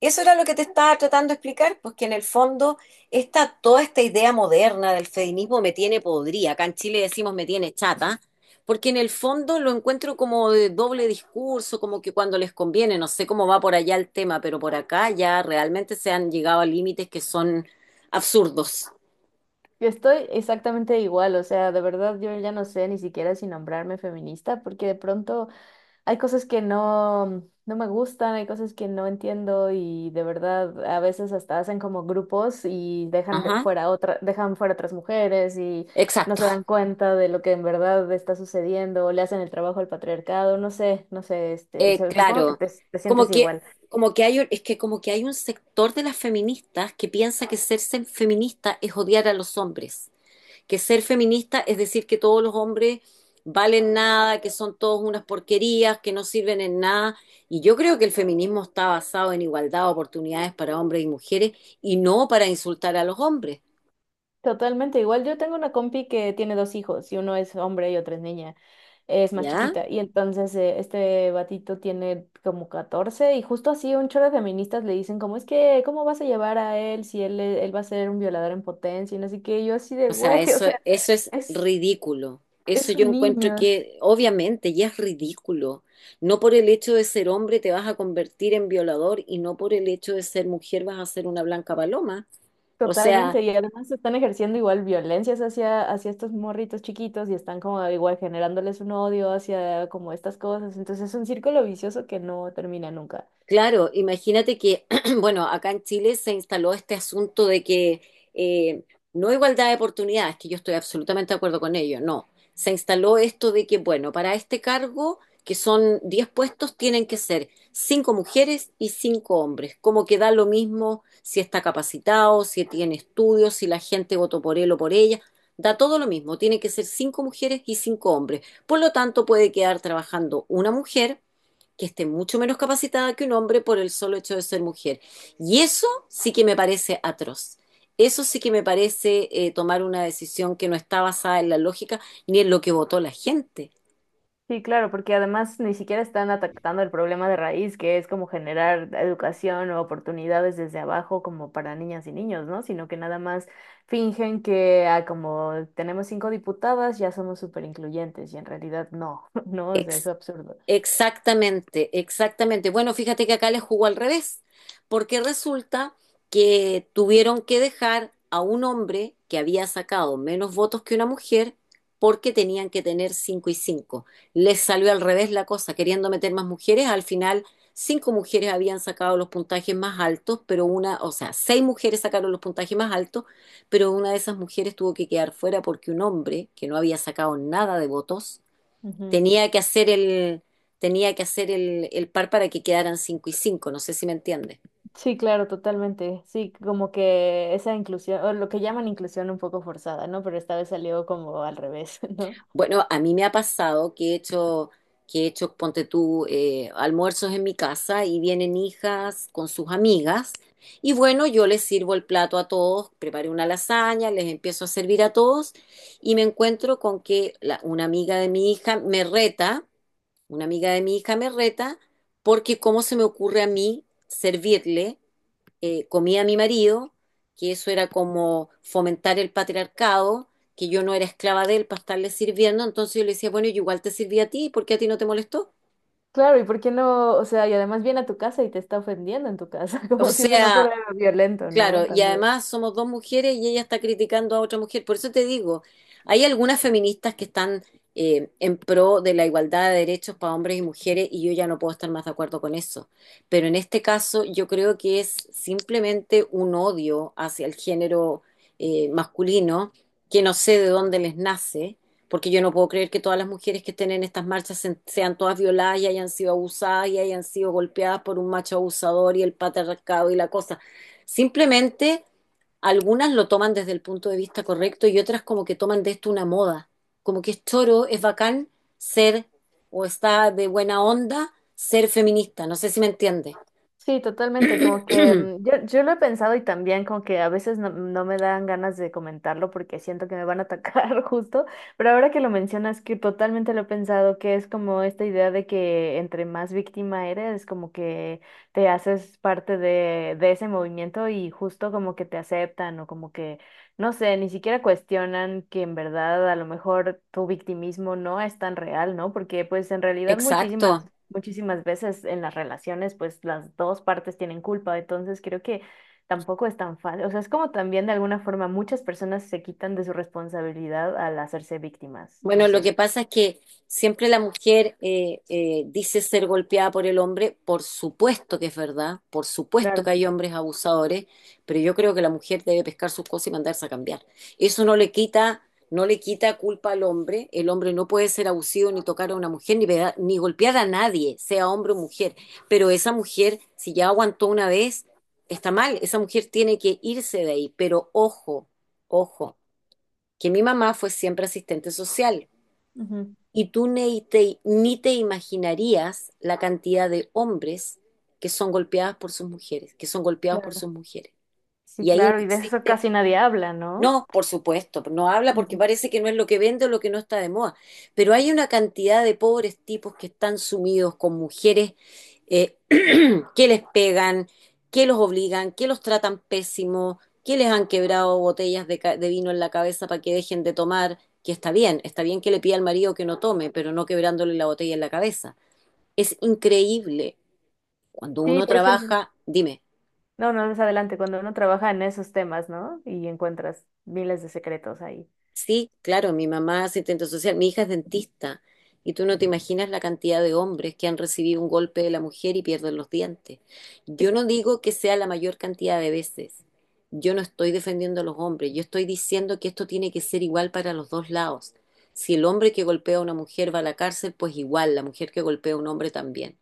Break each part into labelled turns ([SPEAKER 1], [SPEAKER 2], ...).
[SPEAKER 1] Eso era lo que te estaba tratando de explicar, pues que en el fondo toda esta idea moderna del feminismo me tiene podrida, acá en Chile decimos me tiene chata, porque en el fondo lo encuentro como de doble discurso, como que cuando les conviene, no sé cómo va por allá el tema, pero por acá ya realmente se han llegado a límites que son absurdos.
[SPEAKER 2] Yo estoy exactamente igual, o sea, de verdad yo ya no sé ni siquiera si nombrarme feminista, porque de pronto hay cosas que no, no me gustan, hay cosas que no entiendo y de verdad a veces hasta hacen como grupos y
[SPEAKER 1] Ajá,
[SPEAKER 2] dejan fuera otras mujeres y no
[SPEAKER 1] exacto.
[SPEAKER 2] se dan cuenta de lo que en verdad está sucediendo, o le hacen el trabajo al patriarcado, no sé, no sé. Supongo que
[SPEAKER 1] Claro,
[SPEAKER 2] te sientes
[SPEAKER 1] como que,
[SPEAKER 2] igual.
[SPEAKER 1] como que hay, un- es que como que hay un sector de las feministas que piensa que ser feminista es odiar a los hombres. Que ser feminista es decir que todos los hombres valen nada, que son todos unas porquerías, que no sirven en nada. Y yo creo que el feminismo está basado en igualdad de oportunidades para hombres y mujeres y no para insultar a los hombres.
[SPEAKER 2] Totalmente, igual yo tengo una compi que tiene dos hijos y uno es hombre y otro es niña, es más
[SPEAKER 1] ¿Ya?
[SPEAKER 2] chiquita y entonces este batito tiene como 14 y justo así un chorro de feministas le dicen como es que ¿cómo vas a llevar a él si él va a ser un violador en potencia? Y no sé qué, y yo así de
[SPEAKER 1] O sea,
[SPEAKER 2] güey, o
[SPEAKER 1] eso,
[SPEAKER 2] sea,
[SPEAKER 1] eso es
[SPEAKER 2] es,
[SPEAKER 1] ridículo. Eso
[SPEAKER 2] es
[SPEAKER 1] yo
[SPEAKER 2] un
[SPEAKER 1] encuentro
[SPEAKER 2] niño.
[SPEAKER 1] que obviamente ya es ridículo. No por el hecho de ser hombre te vas a convertir en violador y no por el hecho de ser mujer vas a ser una blanca paloma. O sea,
[SPEAKER 2] Totalmente, y además están ejerciendo igual violencias hacia estos morritos chiquitos y están como igual generándoles un odio hacia como estas cosas, entonces es un círculo vicioso que no termina nunca.
[SPEAKER 1] claro, imagínate que, bueno, acá en Chile se instaló este asunto de que eh, no igualdad de oportunidades, que yo estoy absolutamente de acuerdo con ello, no. Se instaló esto de que, bueno, para este cargo, que son 10 puestos, tienen que ser 5 mujeres y 5 hombres, como que da lo mismo si está capacitado, si tiene estudios, si la gente votó por él o por ella, da todo lo mismo, tiene que ser 5 mujeres y 5 hombres. Por lo tanto, puede quedar trabajando una mujer que esté mucho menos capacitada que un hombre por el solo hecho de ser mujer. Y eso sí que me parece atroz. Eso sí que me parece tomar una decisión que no está basada en la lógica ni en lo que votó la gente.
[SPEAKER 2] Sí, claro, porque además ni siquiera están atacando el problema de raíz, que es como generar educación o oportunidades desde abajo como para niñas y niños, ¿no? Sino que nada más fingen que como tenemos cinco diputadas, ya somos súper incluyentes y en realidad no, ¿no? O sea, es
[SPEAKER 1] Ex-
[SPEAKER 2] absurdo.
[SPEAKER 1] Exactamente, exactamente. Bueno, fíjate que acá les jugó al revés, porque resulta que tuvieron que dejar a un hombre que había sacado menos votos que una mujer porque tenían que tener cinco y cinco. Les salió al revés la cosa, queriendo meter más mujeres. Al final, cinco mujeres habían sacado los puntajes más altos, pero una, o sea, seis mujeres sacaron los puntajes más altos, pero una de esas mujeres tuvo que quedar fuera porque un hombre que no había sacado nada de votos
[SPEAKER 2] Ujú.
[SPEAKER 1] Tenía que hacer el, tenía que hacer el par para que quedaran 5 y cinco, no sé si me entiendes.
[SPEAKER 2] Sí, claro, totalmente. Sí, como que esa inclusión, o lo que llaman inclusión un poco forzada, ¿no? Pero esta vez salió como al revés, ¿no?
[SPEAKER 1] Bueno, a mí me ha pasado que he hecho, ponte tú, almuerzos en mi casa y vienen hijas con sus amigas. Y bueno, yo les sirvo el plato a todos, preparé una lasaña, les empiezo a servir a todos y me encuentro con que una amiga de mi hija me reta, una amiga de mi hija me reta porque cómo se me ocurre a mí servirle comía a mi marido, que eso era como fomentar el patriarcado, que yo no era esclava de él para estarle sirviendo. Entonces yo le decía, bueno, yo igual te sirví a ti, ¿por qué a ti no te molestó?
[SPEAKER 2] Claro, ¿y por qué no? O sea, y además viene a tu casa y te está ofendiendo en tu casa,
[SPEAKER 1] O
[SPEAKER 2] como si eso no
[SPEAKER 1] sea,
[SPEAKER 2] fuera violento, ¿no?
[SPEAKER 1] claro, y
[SPEAKER 2] También.
[SPEAKER 1] además somos dos mujeres y ella está criticando a otra mujer. Por eso te digo, hay algunas feministas que están en pro de la igualdad de derechos para hombres y mujeres y yo ya no puedo estar más de acuerdo con eso. Pero en este caso yo creo que es simplemente un odio hacia el género masculino que no sé de dónde les nace, porque yo no puedo creer que todas las mujeres que estén en estas marchas sean todas violadas y hayan sido abusadas y hayan sido golpeadas por un macho abusador y el patriarcado y la cosa. Simplemente algunas lo toman desde el punto de vista correcto y otras como que toman de esto una moda, como que es choro, es bacán ser o está de buena onda ser feminista, no sé si me entiende.
[SPEAKER 2] Sí, totalmente, como que yo lo he pensado y también como que a veces no, no me dan ganas de comentarlo porque siento que me van a atacar justo, pero ahora que lo mencionas que totalmente lo he pensado, que es como esta idea de que entre más víctima eres, como que te haces parte de ese movimiento y justo como que te aceptan o como que, no sé, ni siquiera cuestionan que en verdad a lo mejor tu victimismo no es tan real, ¿no? Porque pues en realidad muchísimas
[SPEAKER 1] Exacto.
[SPEAKER 2] muchísimas veces en las relaciones, pues las dos partes tienen culpa, entonces creo que tampoco es tan fácil, o sea, es como también de alguna forma muchas personas se quitan de su responsabilidad al hacerse víctimas, no
[SPEAKER 1] Bueno, lo que
[SPEAKER 2] sé.
[SPEAKER 1] pasa es que siempre la mujer dice ser golpeada por el hombre, por supuesto que es verdad, por supuesto que
[SPEAKER 2] Claro,
[SPEAKER 1] hay hombres abusadores, pero yo creo que la mujer debe pescar sus cosas y mandarse a cambiar. Eso no le quita culpa al hombre. El hombre no puede ser abusivo ni tocar a una mujer, ni, ni golpear a nadie, sea hombre o mujer. Pero esa mujer, si ya aguantó una vez, está mal, esa mujer tiene que irse de ahí. Pero ojo, ojo que mi mamá fue siempre asistente social.
[SPEAKER 2] ujú,
[SPEAKER 1] Y tú ni te, ni te imaginarías la cantidad de hombres que son golpeados por sus mujeres, que son golpeados por
[SPEAKER 2] claro.
[SPEAKER 1] sus mujeres.
[SPEAKER 2] Sí,
[SPEAKER 1] Y ahí no
[SPEAKER 2] claro, y de eso
[SPEAKER 1] existe,
[SPEAKER 2] casi nadie habla, ¿no?
[SPEAKER 1] no, por supuesto, no habla porque
[SPEAKER 2] Ujú.
[SPEAKER 1] parece que no es lo que vende o lo que no está de moda, pero hay una cantidad de pobres tipos que están sumidos con mujeres eh, qué les pegan, qué los obligan, qué los tratan pésimo, qué les han quebrado botellas de vino en la cabeza para que dejen de tomar, que está bien que le pida al marido que no tome, pero no quebrándole la botella en la cabeza. Es increíble. Cuando
[SPEAKER 2] Sí,
[SPEAKER 1] uno
[SPEAKER 2] por ejemplo,
[SPEAKER 1] trabaja, dime.
[SPEAKER 2] no, no, es adelante, cuando uno trabaja en esos temas, ¿no? Y encuentras miles de secretos ahí.
[SPEAKER 1] Sí, claro, mi mamá es asistente social, mi hija es dentista, y tú no te imaginas la cantidad de hombres que han recibido un golpe de la mujer y pierden los dientes. Yo no digo que sea la mayor cantidad de veces, yo no estoy defendiendo a los hombres, yo estoy diciendo que esto tiene que ser igual para los dos lados. Si el hombre que golpea a una mujer va a la cárcel, pues igual, la mujer que golpea a un hombre también.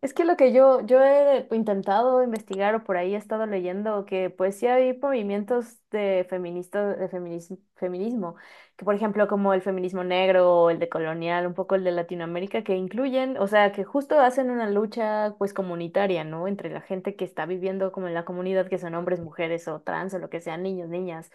[SPEAKER 2] Es que lo que yo he intentado investigar o por ahí he estado leyendo que pues sí hay movimientos de feminismo, que por ejemplo como el feminismo negro o el de colonial, un poco el de Latinoamérica, que incluyen, o sea, que justo hacen una lucha pues comunitaria, ¿no? Entre la gente que está viviendo como en la comunidad, que son hombres, mujeres o trans o lo que sean, niños, niñas.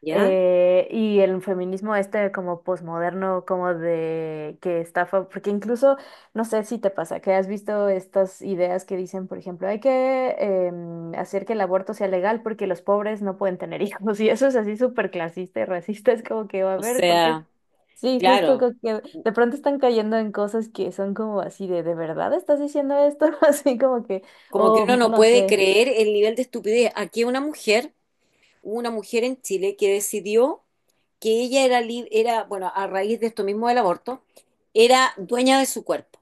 [SPEAKER 1] ¿Ya?
[SPEAKER 2] Y el feminismo este como posmoderno, como de que está, porque incluso, no sé si te pasa, que has visto estas ideas que dicen, por ejemplo, hay que hacer que el aborto sea legal porque los pobres no pueden tener hijos, y eso es así súper clasista y racista, es como que, a
[SPEAKER 1] O
[SPEAKER 2] ver, porque
[SPEAKER 1] sea,
[SPEAKER 2] sí, justo
[SPEAKER 1] claro,
[SPEAKER 2] como que de pronto están cayendo en cosas que son como así ¿de verdad estás diciendo esto? Así como que,
[SPEAKER 1] como que uno
[SPEAKER 2] o
[SPEAKER 1] no
[SPEAKER 2] no
[SPEAKER 1] puede
[SPEAKER 2] sé,
[SPEAKER 1] creer el nivel de estupidez. Hubo una mujer en Chile que decidió que ella era, era, bueno, a raíz de esto mismo del aborto, era dueña de su cuerpo.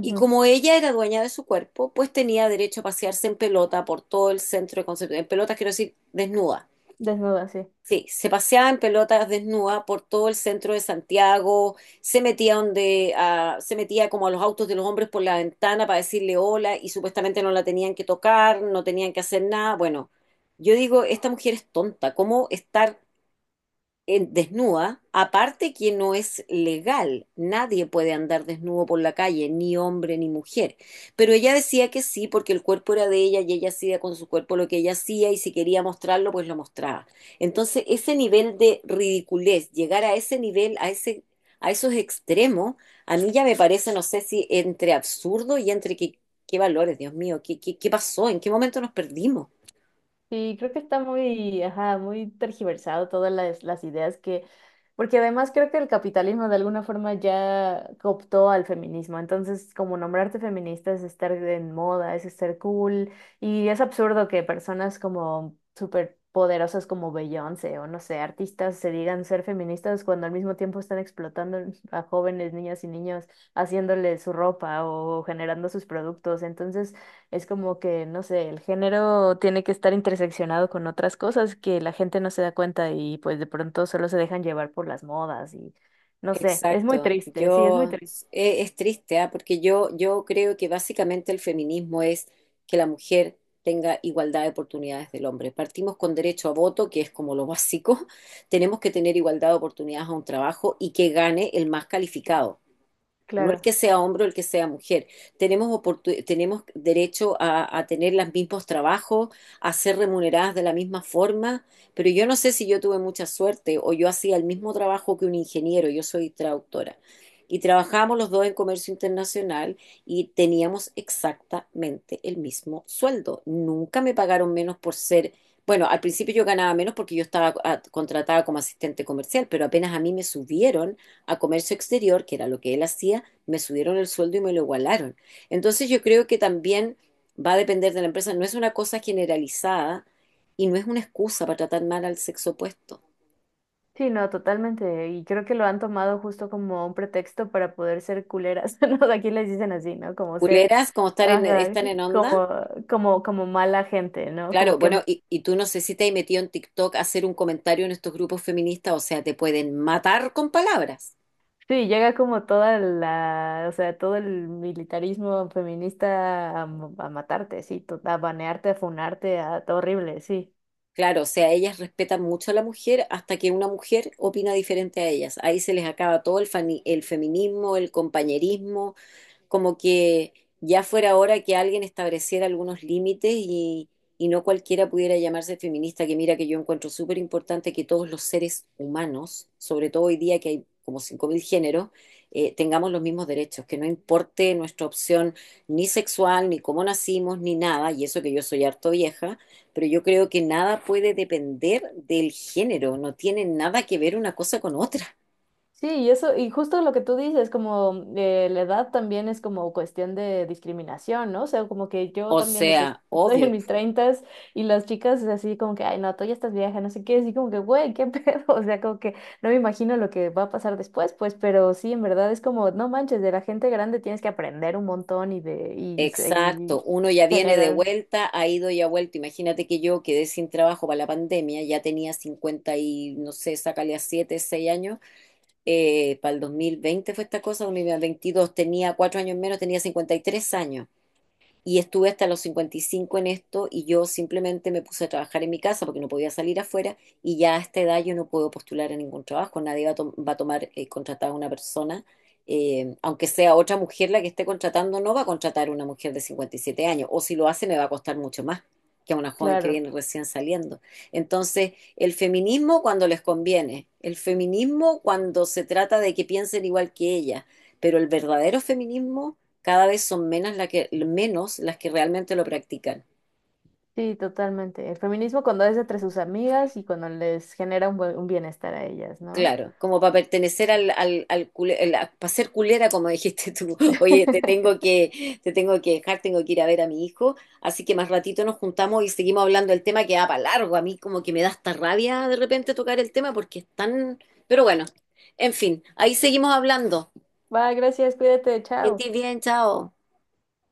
[SPEAKER 1] Y como ella era dueña de su cuerpo, pues tenía derecho a pasearse en pelota por todo el centro de Concepción. En pelotas quiero decir desnuda.
[SPEAKER 2] desnuda, sí.
[SPEAKER 1] Sí, se paseaba en pelotas desnuda por todo el centro de Santiago, se metía como a los autos de los hombres por la ventana para decirle hola y supuestamente no la tenían que tocar, no tenían que hacer nada. Bueno, yo digo, esta mujer es tonta, ¿cómo estar desnuda? Aparte que no es legal, nadie puede andar desnudo por la calle, ni hombre ni mujer. Pero ella decía que sí, porque el cuerpo era de ella y ella hacía con su cuerpo lo que ella hacía y si quería mostrarlo, pues lo mostraba. Entonces, ese nivel de ridiculez, llegar a ese nivel, a ese, a esos extremos, a mí ya me parece, no sé si entre absurdo y entre qué, qué valores, Dios mío, qué pasó, en qué momento nos perdimos.
[SPEAKER 2] Sí, creo que está muy, ajá, muy tergiversado todas las ideas que, porque además creo que el capitalismo de alguna forma ya cooptó al feminismo, entonces como nombrarte feminista es estar en moda, es estar cool, y es absurdo que personas como súper poderosas como Beyoncé o no sé, artistas se digan ser feministas cuando al mismo tiempo están explotando a jóvenes, niñas y niños, haciéndoles su ropa o generando sus productos, entonces... Es como que, no sé, el género tiene que estar interseccionado con otras cosas que la gente no se da cuenta y pues de pronto solo se dejan llevar por las modas y no sé, es muy
[SPEAKER 1] Exacto.
[SPEAKER 2] triste, sí, es muy
[SPEAKER 1] Yo
[SPEAKER 2] triste,
[SPEAKER 1] es, triste, ¿ah? Porque yo creo que básicamente el feminismo es que la mujer tenga igualdad de oportunidades del hombre. Partimos con derecho a voto, que es como lo básico. Tenemos que tener igualdad de oportunidades a un trabajo y que gane el más calificado. No el
[SPEAKER 2] claro.
[SPEAKER 1] que sea hombre o el que sea mujer. Tenemos derecho a tener los mismos trabajos, a ser remuneradas de la misma forma, pero yo no sé si yo tuve mucha suerte o yo hacía el mismo trabajo que un ingeniero. Yo soy traductora. Y trabajábamos los dos en comercio internacional y teníamos exactamente el mismo sueldo. Nunca me pagaron menos por ser, bueno, al principio yo ganaba menos porque yo estaba contratada como asistente comercial, pero apenas a mí me subieron a comercio exterior, que era lo que él hacía, me subieron el sueldo y me lo igualaron. Entonces yo creo que también va a depender de la empresa, no es una cosa generalizada y no es una excusa para tratar mal al sexo opuesto.
[SPEAKER 2] Sí, no, totalmente. Y creo que lo han tomado justo como un pretexto para poder ser culeras, ¿no? Aquí les dicen así, ¿no? Como ser,
[SPEAKER 1] Culeras, como estar en,
[SPEAKER 2] ajá,
[SPEAKER 1] están en onda.
[SPEAKER 2] como, como mala gente, ¿no?
[SPEAKER 1] Claro,
[SPEAKER 2] Como que
[SPEAKER 1] bueno, y tú no sé si te has metido en TikTok a hacer un comentario en estos grupos feministas, o sea, te pueden matar con palabras.
[SPEAKER 2] sí, llega como o sea, todo el militarismo feminista a matarte, sí, a banearte, a funarte, horrible, sí.
[SPEAKER 1] Claro, o sea, ellas respetan mucho a la mujer hasta que una mujer opina diferente a ellas. Ahí se les acaba todo el feminismo, el compañerismo, como que ya fuera hora que alguien estableciera algunos límites y no cualquiera pudiera llamarse feminista, que mira que yo encuentro súper importante que todos los seres humanos, sobre todo hoy día que hay como 5.000 géneros, tengamos los mismos derechos, que no importe nuestra opción ni sexual, ni cómo nacimos, ni nada, y eso que yo soy harto vieja, pero yo creo que nada puede depender del género, no tiene nada que ver una cosa con otra.
[SPEAKER 2] Sí, y eso, y justo lo que tú dices, como la edad también es como cuestión de discriminación, ¿no? O sea, como que yo
[SPEAKER 1] O
[SPEAKER 2] también o sea,
[SPEAKER 1] sea,
[SPEAKER 2] estoy en
[SPEAKER 1] obvio.
[SPEAKER 2] mis treintas y las chicas es así como que, ay, no, tú ya estás vieja, no sé qué, así como que, güey, qué pedo, o sea, como que no me imagino lo que va a pasar después, pues, pero sí, en verdad es como, no manches, de la gente grande tienes que aprender un montón y de, y, y-
[SPEAKER 1] Exacto,
[SPEAKER 2] y
[SPEAKER 1] uno ya viene de
[SPEAKER 2] generar,
[SPEAKER 1] vuelta, ha ido y ha vuelto. Imagínate que yo quedé sin trabajo para la pandemia, ya tenía 50 y no sé, sácale a 7, 6 años. Para el 2020 fue esta cosa, 2022 tenía 4 años menos, tenía 53 años. Y estuve hasta los 55 en esto y yo simplemente me puse a trabajar en mi casa porque no podía salir afuera y ya a esta edad yo no puedo postular a ningún trabajo. Nadie va a, to- va a tomar contratada a una persona, aunque sea otra mujer la que esté contratando, no va a contratar a una mujer de 57 años o si lo hace me va a costar mucho más que a una joven que
[SPEAKER 2] claro,
[SPEAKER 1] viene recién saliendo. Entonces, el feminismo cuando les conviene, el feminismo cuando se trata de que piensen igual que ella, pero el verdadero feminismo cada vez son menos, menos las que realmente lo practican.
[SPEAKER 2] sí, totalmente. El feminismo cuando es entre sus amigas y cuando les genera un bienestar a ellas, ¿no?
[SPEAKER 1] Claro, como para pertenecer para ser culera, como dijiste tú. Oye, te tengo que dejar, tengo que ir a ver a mi hijo, así que más ratito nos juntamos y seguimos hablando del tema que va para largo. A mí como que me da hasta rabia de repente tocar el tema porque es tan... Pero bueno, en fin, ahí seguimos hablando.
[SPEAKER 2] Va, gracias, cuídate,
[SPEAKER 1] Que
[SPEAKER 2] chao.
[SPEAKER 1] estés bien, chao.